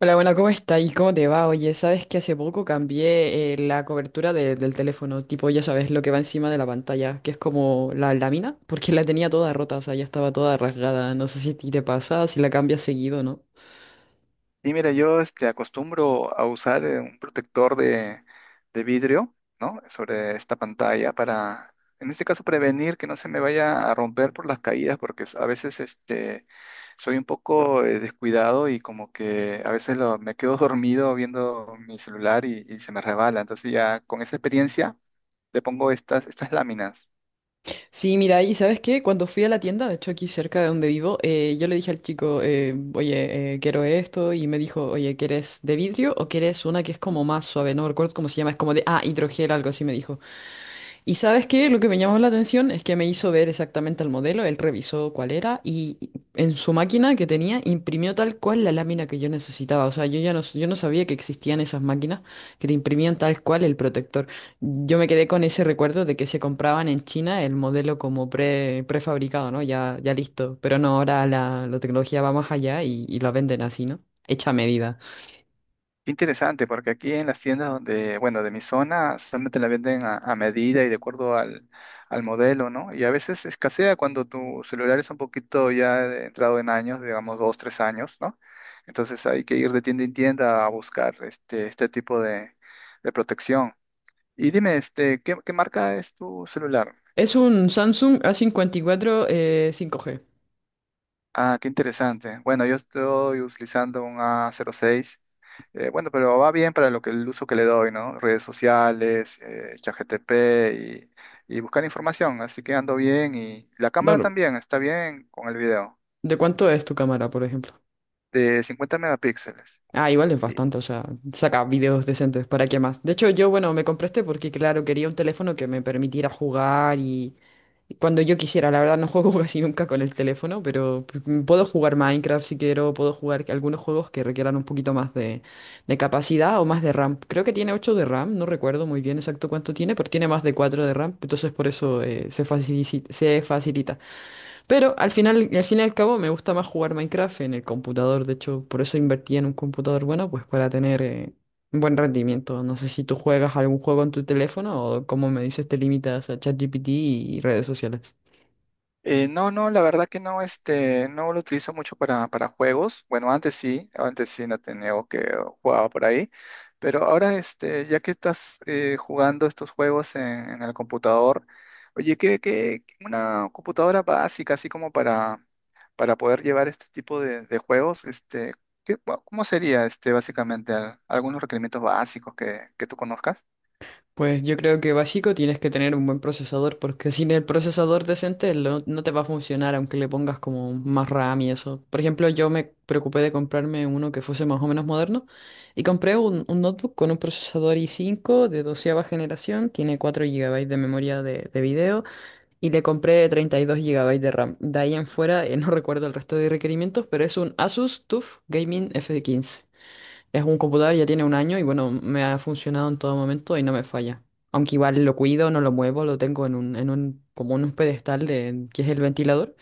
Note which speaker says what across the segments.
Speaker 1: Hola, bueno, ¿cómo está? ¿Y cómo te va? Oye, sabes que hace poco cambié la cobertura del teléfono, tipo, ya sabes, lo que va encima de la pantalla, que es como la lámina, porque la tenía toda rota, o sea, ya estaba toda rasgada. No sé si a ti te pasa, si la cambias seguido, ¿no?
Speaker 2: Sí, mira, acostumbro a usar un protector de vidrio, ¿no? Sobre esta pantalla para, en este caso, prevenir que no se me vaya a romper por las caídas, porque a veces soy un poco descuidado y como que a veces me quedo dormido viendo mi celular y se me resbala. Entonces ya con esa experiencia le pongo estas láminas.
Speaker 1: Sí, mira, y ¿sabes qué? Cuando fui a la tienda, de hecho aquí cerca de donde vivo, yo le dije al chico, oye, quiero esto, y me dijo, oye, ¿quieres de vidrio o quieres una que es como más suave? No recuerdo cómo se llama, es como de, ah, hidrogel, algo así me dijo. Y ¿sabes qué? Lo que me llamó la atención es que me hizo ver exactamente el modelo, él revisó cuál era y en su máquina que tenía imprimió tal cual la lámina que yo necesitaba. O sea, yo no sabía que existían esas máquinas que te imprimían tal cual el protector. Yo me quedé con ese recuerdo de que se compraban en China el modelo como prefabricado, ¿no? Ya, ya listo. Pero no, ahora la tecnología va más allá y la venden así, ¿no? Hecha a medida.
Speaker 2: Qué interesante, porque aquí en las tiendas donde, bueno, de mi zona, solamente la venden a medida y de acuerdo al modelo, ¿no? Y a veces escasea cuando tu celular es un poquito ya entrado en años, digamos dos, tres años, ¿no? Entonces hay que ir de tienda en tienda a buscar este tipo de protección. Y dime, este, ¿qué, qué marca es tu celular?
Speaker 1: Es un Samsung A54 cincuenta y cuatro 5G.
Speaker 2: Ah, qué interesante. Bueno, yo estoy utilizando un A06. Bueno, pero va bien para lo que el uso que le doy, ¿no? Redes sociales, ChatGPT y buscar información. Así que ando bien y la cámara
Speaker 1: Dor-
Speaker 2: también está bien con el video
Speaker 1: ¿De cuánto es tu cámara, por ejemplo?
Speaker 2: de 50 megapíxeles.
Speaker 1: Ah, igual es bastante, o sea, saca videos decentes, ¿para qué más? De hecho, yo, bueno, me compré este porque, claro, quería un teléfono que me permitiera jugar y cuando yo quisiera, la verdad no juego casi nunca con el teléfono, pero puedo jugar Minecraft si quiero, puedo jugar algunos juegos que requieran un poquito más de capacidad o más de RAM. Creo que tiene 8 de RAM, no recuerdo muy bien exacto cuánto tiene, pero tiene más de 4 de RAM, entonces por eso se facilita, se facilita. Pero al final, al fin y al cabo me gusta más jugar Minecraft en el computador, de hecho por eso invertí en un computador bueno, pues para tener un buen rendimiento. No sé si tú juegas algún juego en tu teléfono o como me dices te limitas a ChatGPT y redes sociales.
Speaker 2: No, no, la verdad que no, este, no lo utilizo mucho para juegos. Bueno, antes sí no tenía o que jugaba por ahí. Pero ahora, este, ya que estás jugando estos juegos en el computador, oye, que una computadora básica, así como para poder llevar este tipo de juegos, este, bueno, ¿cómo sería este básicamente? Algunos requerimientos básicos que tú conozcas?
Speaker 1: Pues yo creo que básico tienes que tener un buen procesador, porque sin el procesador decente no te va a funcionar, aunque le pongas como más RAM y eso. Por ejemplo, yo me preocupé de comprarme uno que fuese más o menos moderno y compré un notebook con un procesador i5 de doceava generación, tiene 4 GB de memoria de video y le compré 32 GB de RAM. De ahí en fuera, no recuerdo el resto de requerimientos, pero es un Asus TUF Gaming F15. Es un computador, ya tiene un año y bueno, me ha funcionado en todo momento y no me falla. Aunque igual lo cuido, no lo muevo, lo tengo como en un pedestal de, que es el ventilador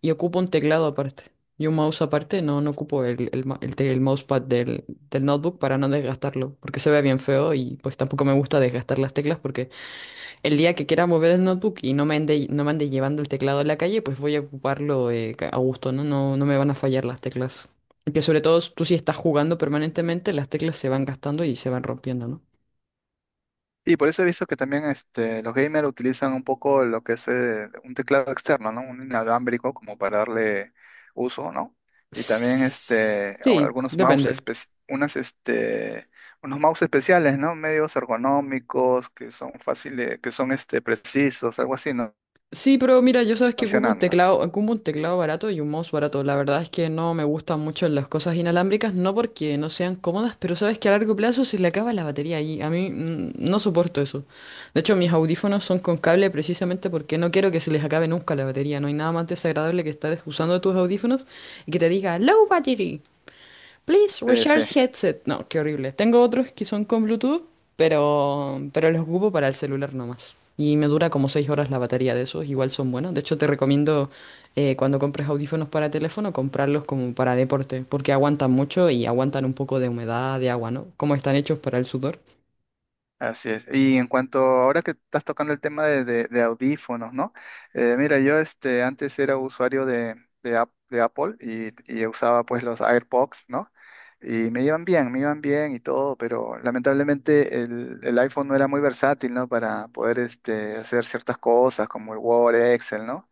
Speaker 1: y ocupo un teclado aparte y un mouse aparte, no, no ocupo el, ma- el te- el mousepad del notebook para no desgastarlo, porque se ve bien feo y pues tampoco me gusta desgastar las teclas el día que quiera mover el notebook y no me ande llevando el teclado a la calle, pues voy a ocuparlo a gusto, ¿no? No, no me van a fallar las teclas. Que sobre todo tú si estás jugando permanentemente, las teclas se van gastando y se van rompiendo, ¿no?
Speaker 2: Y por eso he visto que también este, los gamers utilizan un poco lo que es un teclado externo, ¿no? Un inalámbrico como para darle uso, ¿no? Y también este, ahora
Speaker 1: Sí,
Speaker 2: algunos mouse,
Speaker 1: depende.
Speaker 2: unas, este, unos mouse especiales, ¿no? Medios ergonómicos, que son fáciles, que son este, precisos, algo así, ¿no?
Speaker 1: Sí, pero mira, yo sabes que
Speaker 2: Funcionando.
Speaker 1: ocupo un teclado barato y un mouse barato. La verdad es que no me gustan mucho las cosas inalámbricas, no porque no sean cómodas, pero sabes que a largo plazo se le acaba la batería y a mí no soporto eso. De hecho, mis audífonos son con cable precisamente porque no quiero que se les acabe nunca la batería. No hay nada más desagradable que estar usando tus audífonos y que te diga low battery. Please
Speaker 2: Sí, sí.
Speaker 1: recharge headset. No, qué horrible. Tengo otros que son con Bluetooth, pero los ocupo para el celular nomás. Y me dura como 6 horas la batería de esos. Igual son buenos. De hecho, te recomiendo cuando compres audífonos para teléfono, comprarlos como para deporte, porque aguantan mucho y aguantan un poco de humedad, de agua, ¿no? Como están hechos para el sudor.
Speaker 2: Así es. Y en cuanto ahora que estás tocando el tema de audífonos, ¿no? Mira, yo este, antes era usuario de Apple y usaba pues los AirPods, ¿no? Y me iban bien y todo, pero lamentablemente el iPhone no era muy versátil, ¿no? Para poder este, hacer ciertas cosas como el Word, Excel, ¿no?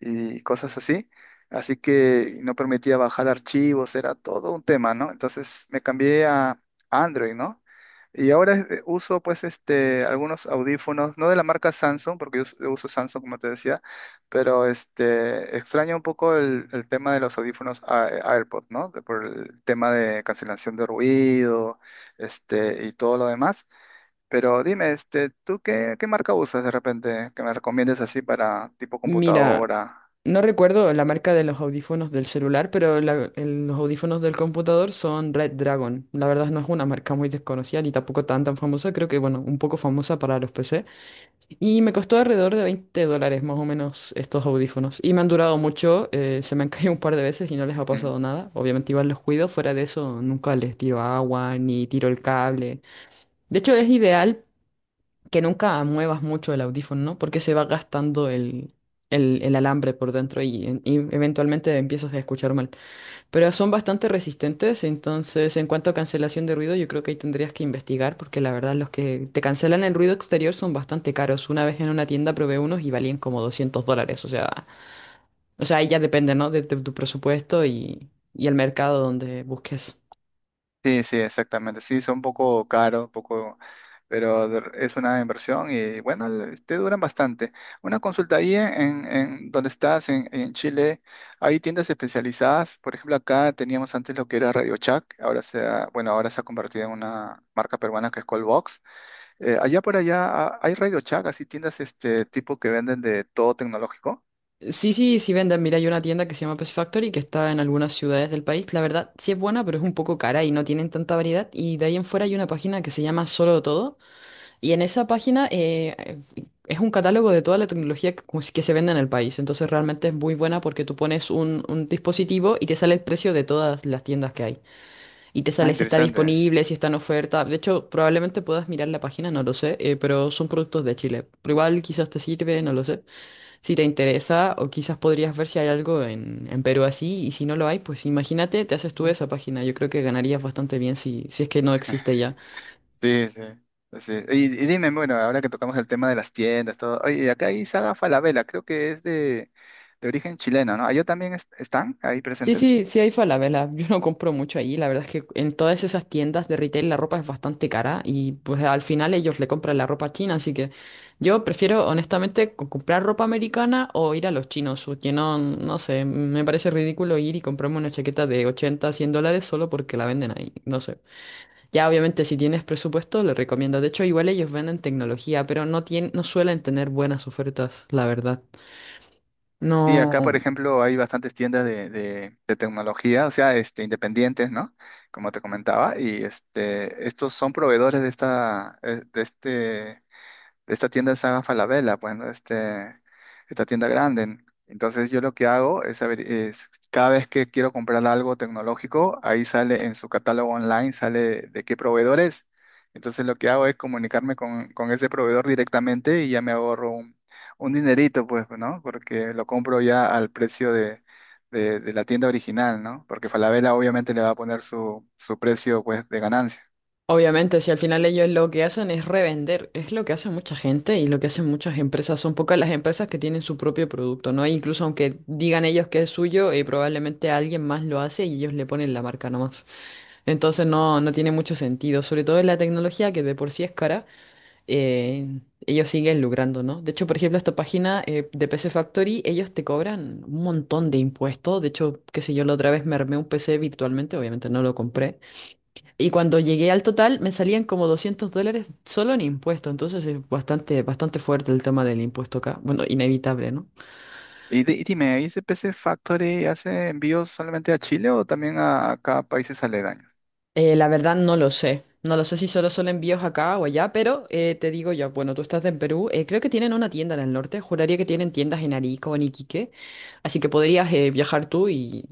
Speaker 2: Y cosas así. Así que no permitía bajar archivos, era todo un tema, ¿no? Entonces me cambié a Android, ¿no? Y ahora uso pues este algunos audífonos, no de la marca Samsung, porque yo uso Samsung como te decía, pero este extraño un poco el tema de los audífonos AirPods, ¿no? Por el tema de cancelación de ruido, este, y todo lo demás. Pero dime, este, ¿tú qué, qué marca usas de repente que me recomiendes así para tipo
Speaker 1: Mira,
Speaker 2: computadora?
Speaker 1: no recuerdo la marca de los audífonos del celular, pero los audífonos del computador son Red Dragon. La verdad no es una marca muy desconocida ni tampoco tan tan famosa, creo que bueno, un poco famosa para los PC. Y me costó alrededor de $20 más o menos estos audífonos. Y me han durado mucho, se me han caído un par de veces y no les ha
Speaker 2: Mm.
Speaker 1: pasado nada. Obviamente igual los cuido, fuera de eso nunca les tiro agua ni tiro el cable. De hecho es ideal que nunca muevas mucho el audífono, ¿no? Porque se va gastando el alambre por dentro y eventualmente empiezas a escuchar mal. Pero son bastante resistentes, entonces en cuanto a cancelación de ruido, yo creo que ahí tendrías que investigar, porque la verdad los que te cancelan el ruido exterior son bastante caros. Una vez en una tienda probé unos y valían como $200, o sea, ahí ya depende, ¿no? De, tu presupuesto y el mercado donde busques.
Speaker 2: Sí, sí, exactamente. Sí, son un poco caros, un poco, pero es una inversión y bueno, te duran bastante. Una consulta ahí en donde estás, en Chile, hay tiendas especializadas. Por ejemplo, acá teníamos antes lo que era Radio Shack, ahora se ha, bueno, ahora se ha convertido en una marca peruana que es Callbox. Allá por allá ah, hay Radio Shack, así tiendas este tipo que venden de todo tecnológico.
Speaker 1: Sí, sí, sí venden. Mira, hay una tienda que se llama Pet Factory que está en algunas ciudades del país. La verdad, sí es buena, pero es un poco cara y no tienen tanta variedad. Y de ahí en fuera hay una página que se llama Solo Todo. Y en esa página es un catálogo de toda la tecnología que, pues, que se vende en el país. Entonces realmente es muy buena porque tú pones un dispositivo y te sale el precio de todas las tiendas que hay. Y te
Speaker 2: Ah,
Speaker 1: sale si está
Speaker 2: interesante.
Speaker 1: disponible, si está en oferta. De hecho, probablemente puedas mirar la página, no lo sé, pero son productos de Chile. Pero igual quizás te sirve, no lo sé. Si te interesa, o quizás podrías ver si hay algo en Perú así, y si no lo hay, pues imagínate, te haces tú esa página. Yo creo que ganarías bastante bien si es que no existe ya.
Speaker 2: Sí, sí. Sí. Y dime, bueno, ahora que tocamos el tema de las tiendas, todo. Oye, acá hay Saga Falabella, creo que es de origen chileno, ¿no? ¿Allá también están ahí
Speaker 1: Sí,
Speaker 2: presentes?
Speaker 1: sí, sí hay Falabella. Yo no compro mucho ahí. La verdad es que en todas esas tiendas de retail la ropa es bastante cara y pues al final ellos le compran la ropa a china, así que yo prefiero honestamente comprar ropa americana o ir a los chinos, porque no, no sé, me parece ridículo ir y comprarme una chaqueta de 80 100 dólares solo porque la venden ahí. No sé. Ya, obviamente, si tienes presupuesto, le recomiendo. De hecho, igual ellos venden tecnología, pero no suelen tener buenas ofertas, la verdad.
Speaker 2: Sí,
Speaker 1: No,
Speaker 2: acá, por ejemplo, hay bastantes tiendas de tecnología, o sea, este, independientes, ¿no? Como te comentaba, y este, estos son proveedores de esta, de este esta tienda es Saga Falabella, bueno, este, esta tienda grande. Entonces yo lo que hago es, es cada vez que quiero comprar algo tecnológico, ahí sale en su catálogo online, sale de qué proveedor es. Entonces lo que hago es comunicarme con ese proveedor directamente y ya me ahorro un dinerito, pues, ¿no? Porque lo compro ya al precio de la tienda original, ¿no? Porque Falabella obviamente le va a poner su, su precio, pues, de ganancia.
Speaker 1: obviamente, si al final ellos lo que hacen es revender, es lo que hace mucha gente y lo que hacen muchas empresas. Son pocas las empresas que tienen su propio producto, ¿no? E incluso aunque digan ellos que es suyo, probablemente alguien más lo hace y ellos le ponen la marca nomás. Entonces no, no tiene mucho sentido, sobre todo en la tecnología que de por sí es cara. eh, ellos siguen lucrando, ¿no? De hecho, por ejemplo, esta página de PC Factory, ellos te cobran un montón de impuestos. De hecho, qué sé yo, la otra vez me armé un PC virtualmente, obviamente no lo compré. Y cuando llegué al total, me salían como $200 solo en impuestos. Entonces es bastante, bastante fuerte el tema del impuesto acá. Bueno, inevitable, ¿no?
Speaker 2: Y, y dime, ¿ahí C P C Factory hace envíos solamente a Chile o también a cada países aledaños?
Speaker 1: La verdad no lo sé. No lo sé si solo son envíos acá o allá, pero te digo yo, bueno, tú estás en Perú, creo que tienen una tienda en el norte, juraría que tienen tiendas en Arica o en Iquique, así que podrías viajar tú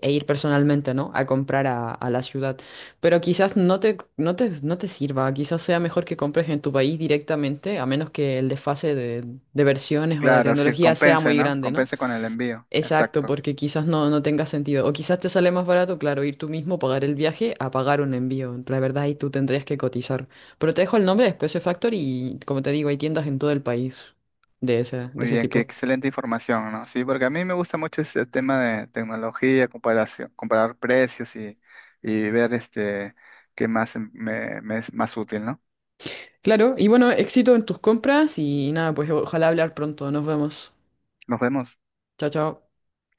Speaker 1: e ir personalmente, ¿no? A comprar a la ciudad. Pero quizás no te sirva, quizás sea mejor que compres en tu país directamente, a menos que el desfase de versiones o de
Speaker 2: Claro, sí,
Speaker 1: tecnología sea
Speaker 2: compense,
Speaker 1: muy
Speaker 2: ¿no?
Speaker 1: grande, ¿no?
Speaker 2: Compense con el envío.
Speaker 1: Exacto,
Speaker 2: Exacto.
Speaker 1: porque quizás no, no tenga sentido. O quizás te sale más barato, claro, ir tú mismo, pagar el viaje, a pagar un envío. La verdad, ahí tú tendrías que cotizar. Pero te dejo el nombre de Space Factory y, como te digo, hay tiendas en todo el país de
Speaker 2: Muy
Speaker 1: ese
Speaker 2: bien, qué
Speaker 1: tipo.
Speaker 2: excelente información, ¿no? Sí, porque a mí me gusta mucho ese tema de tecnología, comparación, comparar precios y ver este qué más me, me es más útil, ¿no?
Speaker 1: Claro, y bueno, éxito en tus compras y nada, pues ojalá hablar pronto. Nos vemos.
Speaker 2: Nos vemos.
Speaker 1: Chao, chao.